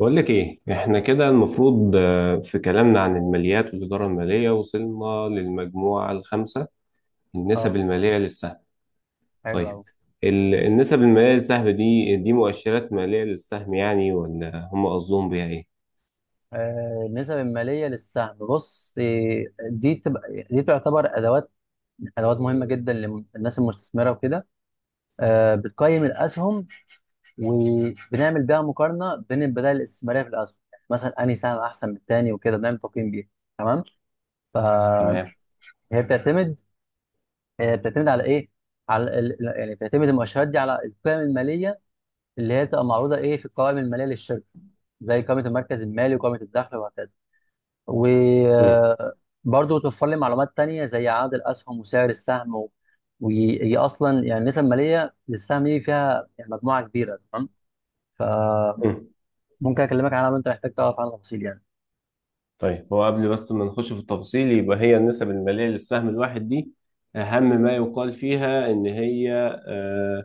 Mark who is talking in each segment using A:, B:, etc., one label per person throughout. A: بقول لك ايه، احنا كده المفروض في كلامنا عن الماليات والإدارة المالية وصلنا للمجموعة الخامسة. النسب
B: اه،
A: المالية للسهم.
B: حلو
A: طيب،
B: قوي.
A: النسب المالية للسهم دي مؤشرات مالية للسهم يعني ولا هم قصدهم بيها ايه؟
B: النسب الماليه للسهم، بص، دي تبقى دي تعتبر ادوات مهمه جدا للناس المستثمره وكده. بتقيم الاسهم، وبنعمل بيها مقارنه بين البدائل الاستثماريه في الاسهم، يعني مثلا انهي سهم احسن من التاني، وكده بنعمل تقييم بيها. تمام.
A: تمام.
B: فهي بتعتمد بتعتمد على ايه؟ على يعني بتعتمد المؤشرات دي على القيم الماليه، اللي هي بتبقى معروضه، ايه، في القوائم الماليه للشركه، زي قائمه المركز المالي وقائمه الدخل وهكذا.
A: مم.
B: وبرضه توفر لي معلومات تانية زي عدد الأسهم وسعر السهم وهي أصلا يعني النسب المالية للسهم دي فيها يعني مجموعة كبيرة. تمام، فممكن
A: مم.
B: أكلمك عنها لو أنت محتاج تعرف عنها تفاصيل يعني.
A: طيب، هو قبل بس ما نخش في التفاصيل يبقى هي النسب المالية للسهم الواحد دي أهم ما يقال فيها إن هي آه،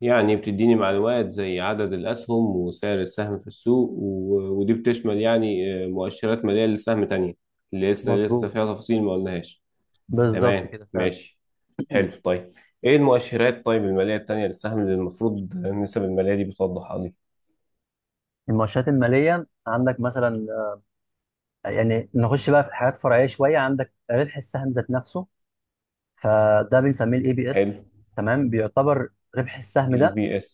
A: يعني بتديني معلومات زي عدد الأسهم وسعر السهم في السوق ودي بتشمل يعني مؤشرات مالية للسهم تانية اللي لسه
B: مظبوط،
A: فيها تفاصيل ما قلناهاش.
B: بالظبط
A: تمام،
B: كده فعلا.
A: ماشي. حلو. طيب، ايه المؤشرات، طيب، المالية التانية للسهم اللي المفروض النسب المالية دي بتوضحها لي؟
B: المؤشرات المالية عندك مثلا، يعني نخش بقى في حاجات فرعية شوية. عندك ربح السهم ذات نفسه، فده بنسميه الاي بي
A: حلو.
B: اس. تمام، بيعتبر ربح السهم
A: اي
B: ده.
A: بي اس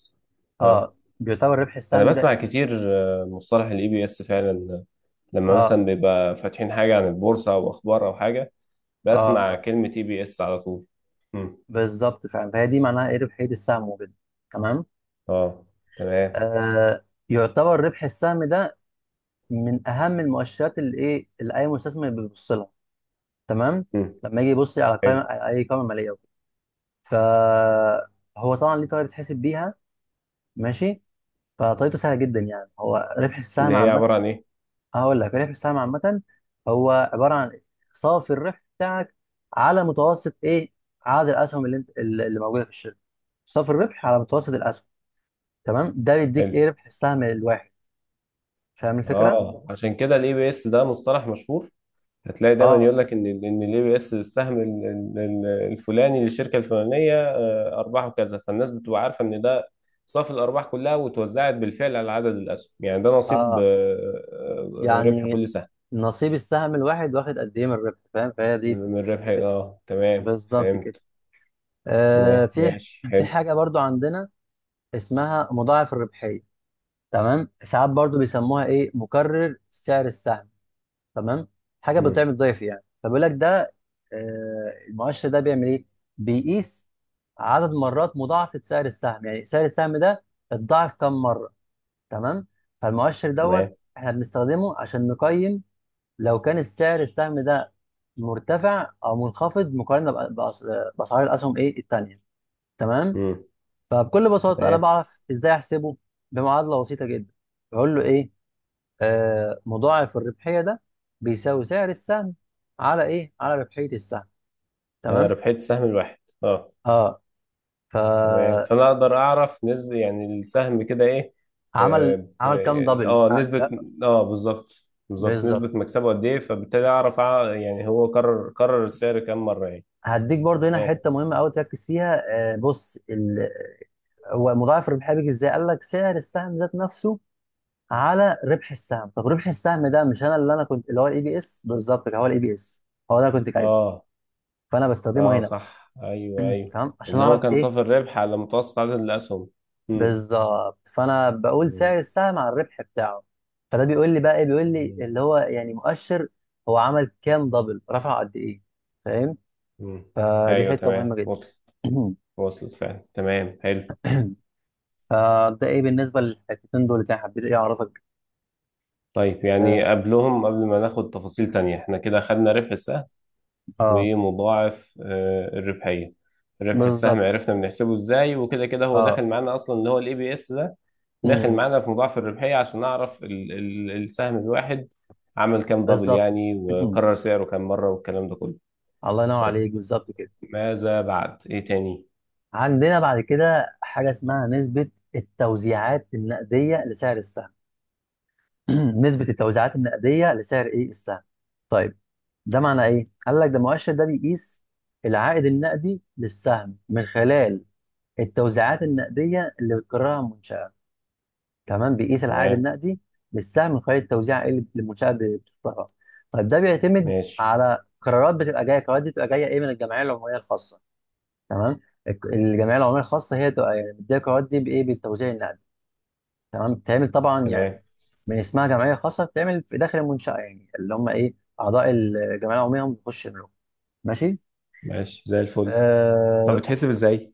A: اه،
B: اه، بيعتبر ربح
A: انا
B: السهم ده
A: بسمع
B: ايه؟
A: كتير مصطلح الـEPS فعلا، لما
B: اه،
A: مثلا بيبقى فاتحين حاجة عن البورصة او اخبار او حاجة بسمع
B: اه،
A: كلمة EPS على طول. مم.
B: بالظبط فعلا. فهي دي معناها ايه؟ ربحيه السهم وكده. تمام.
A: اه، تمام.
B: يعتبر ربح السهم ده من اهم المؤشرات اللي، ايه، اللي اي مستثمر بيبص لها. تمام،
A: مم.
B: لما يجي يبص على قائمه،
A: حلو.
B: اي قائمه ماليه وكده. فهو طبعا ليه طريقه بتحسب بيها. ماشي، فطريقته سهله جدا. يعني هو ربح
A: اللي
B: السهم
A: هي
B: عامه،
A: عبارة عن ايه؟
B: هقول لك ربح السهم عامه هو عباره عن صافي الربح بتاعك، على متوسط، ايه، عدد الاسهم اللي انت اللي اللي موجوده في الشركه. صافي الربح على متوسط الاسهم. تمام، ده بيديك،
A: حلو.
B: ايه، ربح السهم الواحد. فاهم الفكره؟
A: اه، عشان كده الـEPS ده مصطلح مشهور. هتلاقي دايما
B: اه،
A: يقول لك ان الـEPS السهم الفلاني للشركة الفلانية ارباحه كذا، فالناس بتبقى عارفة ان ده صافي الارباح كلها وتوزعت بالفعل على عدد الاسهم، يعني ده نصيب
B: اه،
A: ربح
B: يعني
A: كل سهم.
B: نصيب السهم الواحد واخد قد ايه من الربح. فاهم؟ فهي
A: من
B: دي
A: من ربح.
B: فكرة.
A: اه، تمام،
B: بالظبط كده.
A: فهمت.
B: آه
A: تمام،
B: في
A: ماشي.
B: في
A: حلو.
B: حاجه برضو عندنا اسمها مضاعف الربحيه. تمام، ساعات برضو بيسموها، ايه، مكرر سعر السهم. تمام، حاجه
A: مم.
B: بتعمل ضعف يعني. فبيقول لك ده، المؤشر ده بيعمل ايه؟ بيقيس عدد مرات مضاعفه سعر السهم، يعني سعر السهم ده اتضاعف كم مره. تمام، فالمؤشر دوت
A: تمام.
B: احنا بنستخدمه عشان نقيم لو كان السعر السهم ده مرتفع او منخفض، مقارنه باسعار الاسهم، ايه، التانيه. تمام،
A: مم.
B: فبكل بساطه انا
A: تمام،
B: بعرف ازاي احسبه، بمعادله بسيطه جدا. بقول له ايه؟ مضاعف الربحيه ده بيساوي سعر السهم على، ايه، على ربحيه السهم.
A: انا
B: تمام.
A: ربحت السهم الواحد. اه،
B: اه،
A: تمام،
B: فعمل
A: فانا اقدر اعرف نسبة يعني السهم كده ايه. اه،
B: عمل كام
A: يعني
B: دبل؟
A: نسبة.
B: لا،
A: اه، بالظبط بالظبط، نسبة
B: بالظبط.
A: مكسبه قد ايه، فبالتالي اعرف يعني هو كرر السعر كام مرة يعني.
B: هديك برضو هنا
A: تمام.
B: حته مهمه قوي تركز فيها. بص، ومضاعف ربحيه بيجي ازاي؟ قال لك سعر السهم ذات نفسه على ربح السهم. طب ربح السهم ده مش انا كنت اللي هو الاي بي اس. بالظبط كده، هو الاي بي اس، هو ده انا كنت جايبه.
A: اه،
B: فانا بستخدمه
A: اه،
B: هنا بقى.
A: صح. ايوه، ايوه،
B: تمام، عشان
A: اللي هو
B: اعرف
A: كان
B: ايه
A: صافي الربح على متوسط عدد الاسهم. امم
B: بالظبط. فانا بقول
A: أمم،
B: سعر السهم على الربح بتاعه. فده بيقول لي بقى ايه؟ بيقول لي
A: أمم،
B: اللي هو يعني مؤشر، هو عمل كام دبل، رفع قد ايه. فاهم؟
A: أمم.
B: فدي
A: ايوه،
B: حته مهمه
A: تمام،
B: جدا.
A: وصل. وصل فعلا، تمام، حلو.
B: فده ايه بالنسبه للحتتين دول اللي انا حبيت، ايه، اعرفك.
A: طيب، يعني
B: اه،
A: قبلهم، قبل ما ناخد تفاصيل تانية، احنا كده خدنا ربح السهم
B: آه،
A: ومضاعف الربحية. ربح السهم
B: بالظبط كده.
A: عرفنا بنحسبه ازاي، وكده كده هو داخل
B: اه،
A: معانا اصلا اللي هو الـEPS ده.
B: م-
A: داخل
B: م.
A: معانا في مضاعف الربحية عشان نعرف ال السهم الواحد عمل كام دبل
B: بالظبط.
A: يعني، وكرر سعره كام مرة والكلام ده كله.
B: الله ينور
A: طيب،
B: عليك، بالظبط كده.
A: ماذا بعد؟ ايه تاني؟
B: عندنا بعد كده حاجه اسمها نسبه التوزيعات النقديه لسعر السهم. نسبه التوزيعات النقديه لسعر، ايه، السهم. طيب، ده معنى ايه؟ قال لك، ده المؤشر ده بيقيس العائد النقدي للسهم من خلال التوزيعات النقديه اللي بتكررها المنشاه. تمام، بيقيس العائد
A: تمام،
B: النقدي للسهم من خلال التوزيع اللي المنشاه بتختارها. طيب ده بيعتمد
A: ماشي.
B: على قرارات بتبقى جايه، قرارات دي بتبقى جايه، ايه، من الجمعيه العموميه الخاصه. تمام، الجمعيه العموميه الخاصه هي تبقى يعني بتدير القرارات دي بايه؟ بالتوزيع النقدي. تمام، بتتعمل طبعا،
A: تمام،
B: يعني من اسمها جمعيه خاصه بتتعمل في داخل المنشاه، يعني اللي هم، ايه، اعضاء الجمعيه العموميه هم بيخشوا يملكوا. ماشي.
A: ماشي زي الفل. طب،
B: اه،
A: بتحسب ازاي؟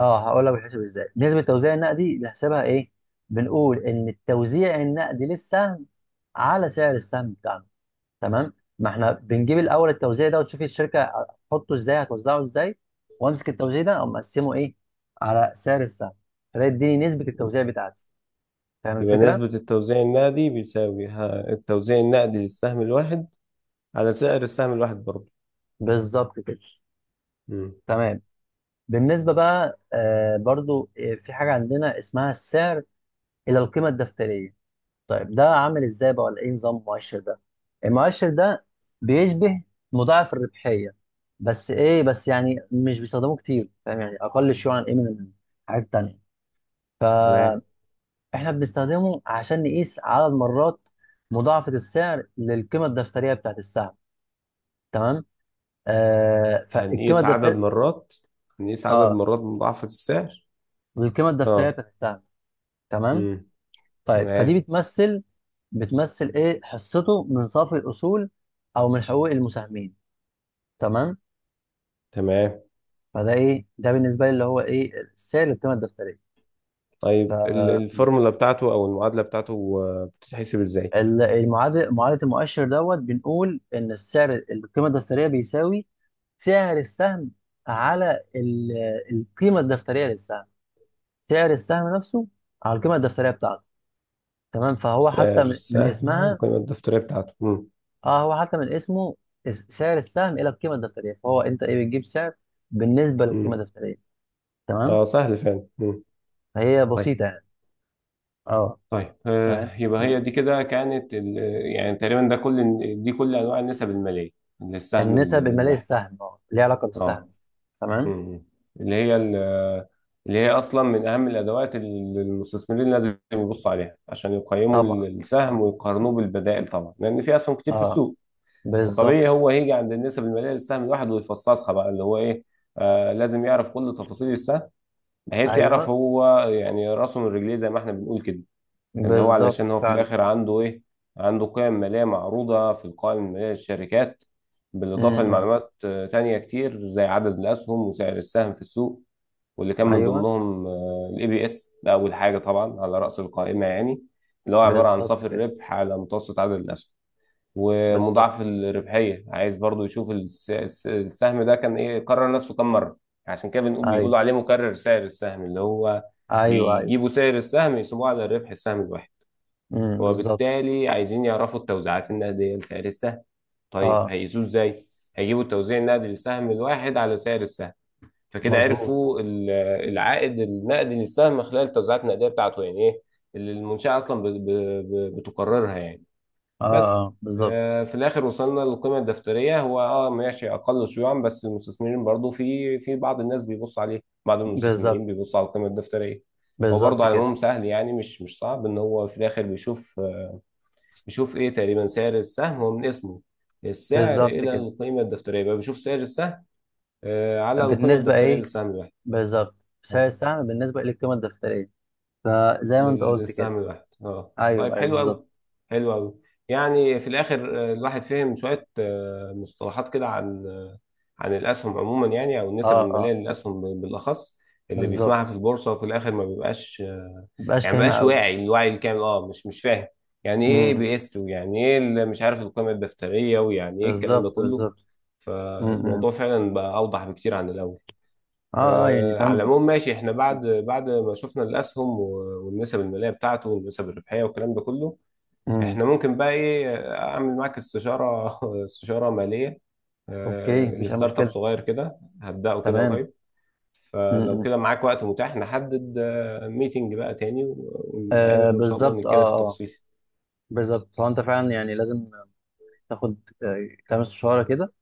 B: هقول لك بيتحسب ازاي. نسبه التوزيع النقدي بنحسبها ايه؟ بنقول ان التوزيع النقدي للسهم على سعر السهم بتاعنا. تمام، ما احنا بنجيب الاول التوزيع ده، وتشوفي الشركه هتحطه ازاي، هتوزعه ازاي، وامسك التوزيع ده او مقسمه، ايه، على سعر السهم. فده يديني نسبه التوزيع بتاعتي. فاهم
A: يبقى
B: الفكره؟
A: نسبة التوزيع النقدي بيساوي التوزيع النقدي للسهم الواحد على سعر السهم الواحد برضه.
B: بالظبط كده.
A: مم.
B: تمام. بالنسبه بقى برضو، في حاجه عندنا اسمها السعر الى القيمه الدفتريه. طيب ده عامل ازاي بقى؟ ولا ايه نظام المؤشر ده؟ المؤشر ده بيشبه مضاعف الربحيه، بس، ايه، بس يعني مش بيستخدموه كتير. فاهم؟ يعني اقل شيوعا ايه من الحاجات التانيه.
A: تمام.
B: احنا بنستخدمه عشان نقيس عدد مرات مضاعفة السعر للقيمة الدفترية بتاعت السهم. تمام. فالقيمة
A: هنقيس عدد
B: الدفترية،
A: مرات هنقيس عدد
B: اه،
A: مرات مضاعفة السعر.
B: للقيمة الدفترية
A: اه،
B: بتاعت السهم. تمام.
A: امم
B: طيب، فدي
A: تمام،
B: بتمثل، ايه، حصته من صافي الاصول، او من حقوق المساهمين. تمام.
A: تمام.
B: فده ايه ده بالنسبة لي، اللي هو ايه؟ السعر للقيمة الدفترية.
A: طيب، الفورمولا بتاعته او المعادلة بتاعته بتتحسب ازاي؟
B: ال- المعادل معادله المؤشر دوت، بنقول ان السعر القيمه الدفتريه بيساوي سعر السهم على القيمه الدفتريه للسهم. سعر السهم نفسه على القيمه الدفتريه بتاعته. تمام، فهو
A: سعر
B: حتى من
A: السهم على
B: اسمها.
A: القيمة الدفترية بتاعته.
B: اه، هو حتى من اسمه، سعر السهم الى القيمه الدفتريه. فهو انت، ايه، بتجيب سعر بالنسبه للقيمه
A: امم
B: الدفتريه. تمام،
A: اه، سهل فعلا.
B: فهي
A: طيب،
B: بسيطه يعني. اه.
A: طيب،
B: تمام.
A: يبقى هي
B: مم.
A: دي كده كانت يعني تقريبا ده كل دي كل انواع النسب المالية للسهم
B: النسب الماليه
A: الواحد.
B: للسهم اه ليها علاقه
A: اه.
B: بالسهم. تمام.
A: مم. اللي هي ال- اللي هي اصلا من اهم الادوات اللي المستثمرين لازم يبصوا عليها عشان يقيموا
B: طبعا،
A: السهم
B: طبعاً.
A: ويقارنوه بالبدائل، طبعا لان في اسهم كتير في
B: اه،
A: السوق. فطبيعي
B: بالظبط.
A: هو هيجي عند النسب الماليه للسهم الواحد ويفصصها بقى اللي هو ايه. لازم يعرف كل تفاصيل السهم، بحيث
B: ايوه،
A: يعرف هو يعني راسه من رجليه زي ما احنا بنقول كده. اللي هو
B: بالظبط
A: علشان هو في
B: فعلا.
A: الاخر عنده ايه؟ عنده قيم ماليه معروضه في القائمه الماليه للشركات، بالاضافه
B: امم.
A: لمعلومات تانية كتير زي عدد الاسهم وسعر السهم في السوق، واللي كان من
B: ايوه،
A: ضمنهم الـEPS ده اول حاجه طبعا على راس القائمه يعني، اللي هو عباره عن
B: بالظبط
A: صافي
B: كده.
A: الربح على متوسط عدد الاسهم.
B: بالظبط.
A: ومضاعف الربحيه عايز برضو يشوف السهم ده كان ايه كرر نفسه كم مره. عشان كده بنقول
B: ايوه،
A: بيقولوا عليه مكرر سعر السهم، اللي هو
B: ايوه، ايوه.
A: بيجيبوا سعر السهم يسيبوه على الربح السهم الواحد.
B: امم، بالظبط.
A: وبالتالي عايزين يعرفوا التوزيعات النقديه لسعر السهم. طيب،
B: اه،
A: هيقيسوه ازاي؟ هيجيبوا التوزيع النقدي للسهم الواحد على سعر السهم. فكده
B: مظبوط.
A: عرفوا العائد النقدي للسهم خلال التوزيعات النقديه بتاعته، يعني ايه، اللي المنشاه اصلا بتقررها يعني.
B: اه،
A: بس.
B: اه، بالظبط،
A: في الاخر وصلنا للقيمه الدفتريه. هو اه ماشي، اقل شيوعا بس المستثمرين برضو في بعض الناس بيبصوا عليه، بعض
B: بالظبط.
A: المستثمرين بيبصوا على القيمه الدفتريه. هو
B: بالظبط
A: برضه على
B: كده،
A: العموم سهل يعني مش صعب، ان هو في الاخر بيشوف ايه تقريبا. سعر السهم هو من اسمه السعر
B: بالظبط
A: الى
B: كده.
A: القيمه الدفتريه، يبقى بيشوف سعر السهم على القيمه
B: بالنسبه
A: الدفتريه
B: ايه؟
A: للسهم الواحد.
B: بالظبط، سعر
A: اه،
B: السهم بالنسبه للقيمه الدفتريه. فزي ما انت قلت كده.
A: للسهم الواحد. اه، طيب،
B: ايوه، ايوه،
A: حلو
B: بالظبط.
A: قوي. حلو قوي. يعني في الاخر الواحد فهم شويه مصطلحات كده عن عن الاسهم عموما يعني، او النسب
B: اه، اه،
A: الماليه للاسهم بالاخص اللي بيسمعها في
B: بالظبط.
A: البورصه، وفي الاخر ما بيبقاش آه،
B: مبقاش
A: يعني ما
B: فاهمها
A: بيبقاش
B: قوي.
A: واعي الوعي الكامل. اه، مش فاهم يعني ايه
B: امم،
A: بيس، ويعني ايه اللي مش عارف القيمه الدفتريه، ويعني ايه الكلام ده
B: بالظبط،
A: كله.
B: بالظبط. امم.
A: فالموضوع
B: امم.
A: فعلا بقى اوضح بكتير عن الاول.
B: اه، اه، يعني
A: على
B: فاهم.
A: العموم، ماشي. احنا بعد ما شفنا الاسهم والنسب الماليه بتاعته والنسب الربحيه والكلام ده كله،
B: امم.
A: احنا ممكن بقى ايه، اعمل معاك استشاره استشاره ماليه
B: اوكي، مفيش اي
A: لستارت اب
B: مشكله.
A: صغير كده هبداه كده
B: تمام.
A: قريب.
B: امم.
A: فلو
B: امم.
A: كده معاك وقت متاح، نحدد ميتنج بقى تاني ونتقابل وان شاء الله
B: بالظبط، اه،
A: نتكلم في
B: اه،
A: التفاصيل.
B: بالظبط. هو انت فعلا يعني لازم تاخد كام استشاره كده،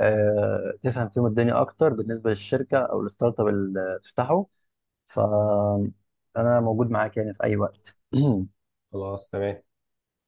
B: تفهم فيهم الدنيا اكتر بالنسبه للشركه او الستارت اب اللي تفتحه. فانا موجود معاك يعني في اي وقت.
A: خلاص. تمام.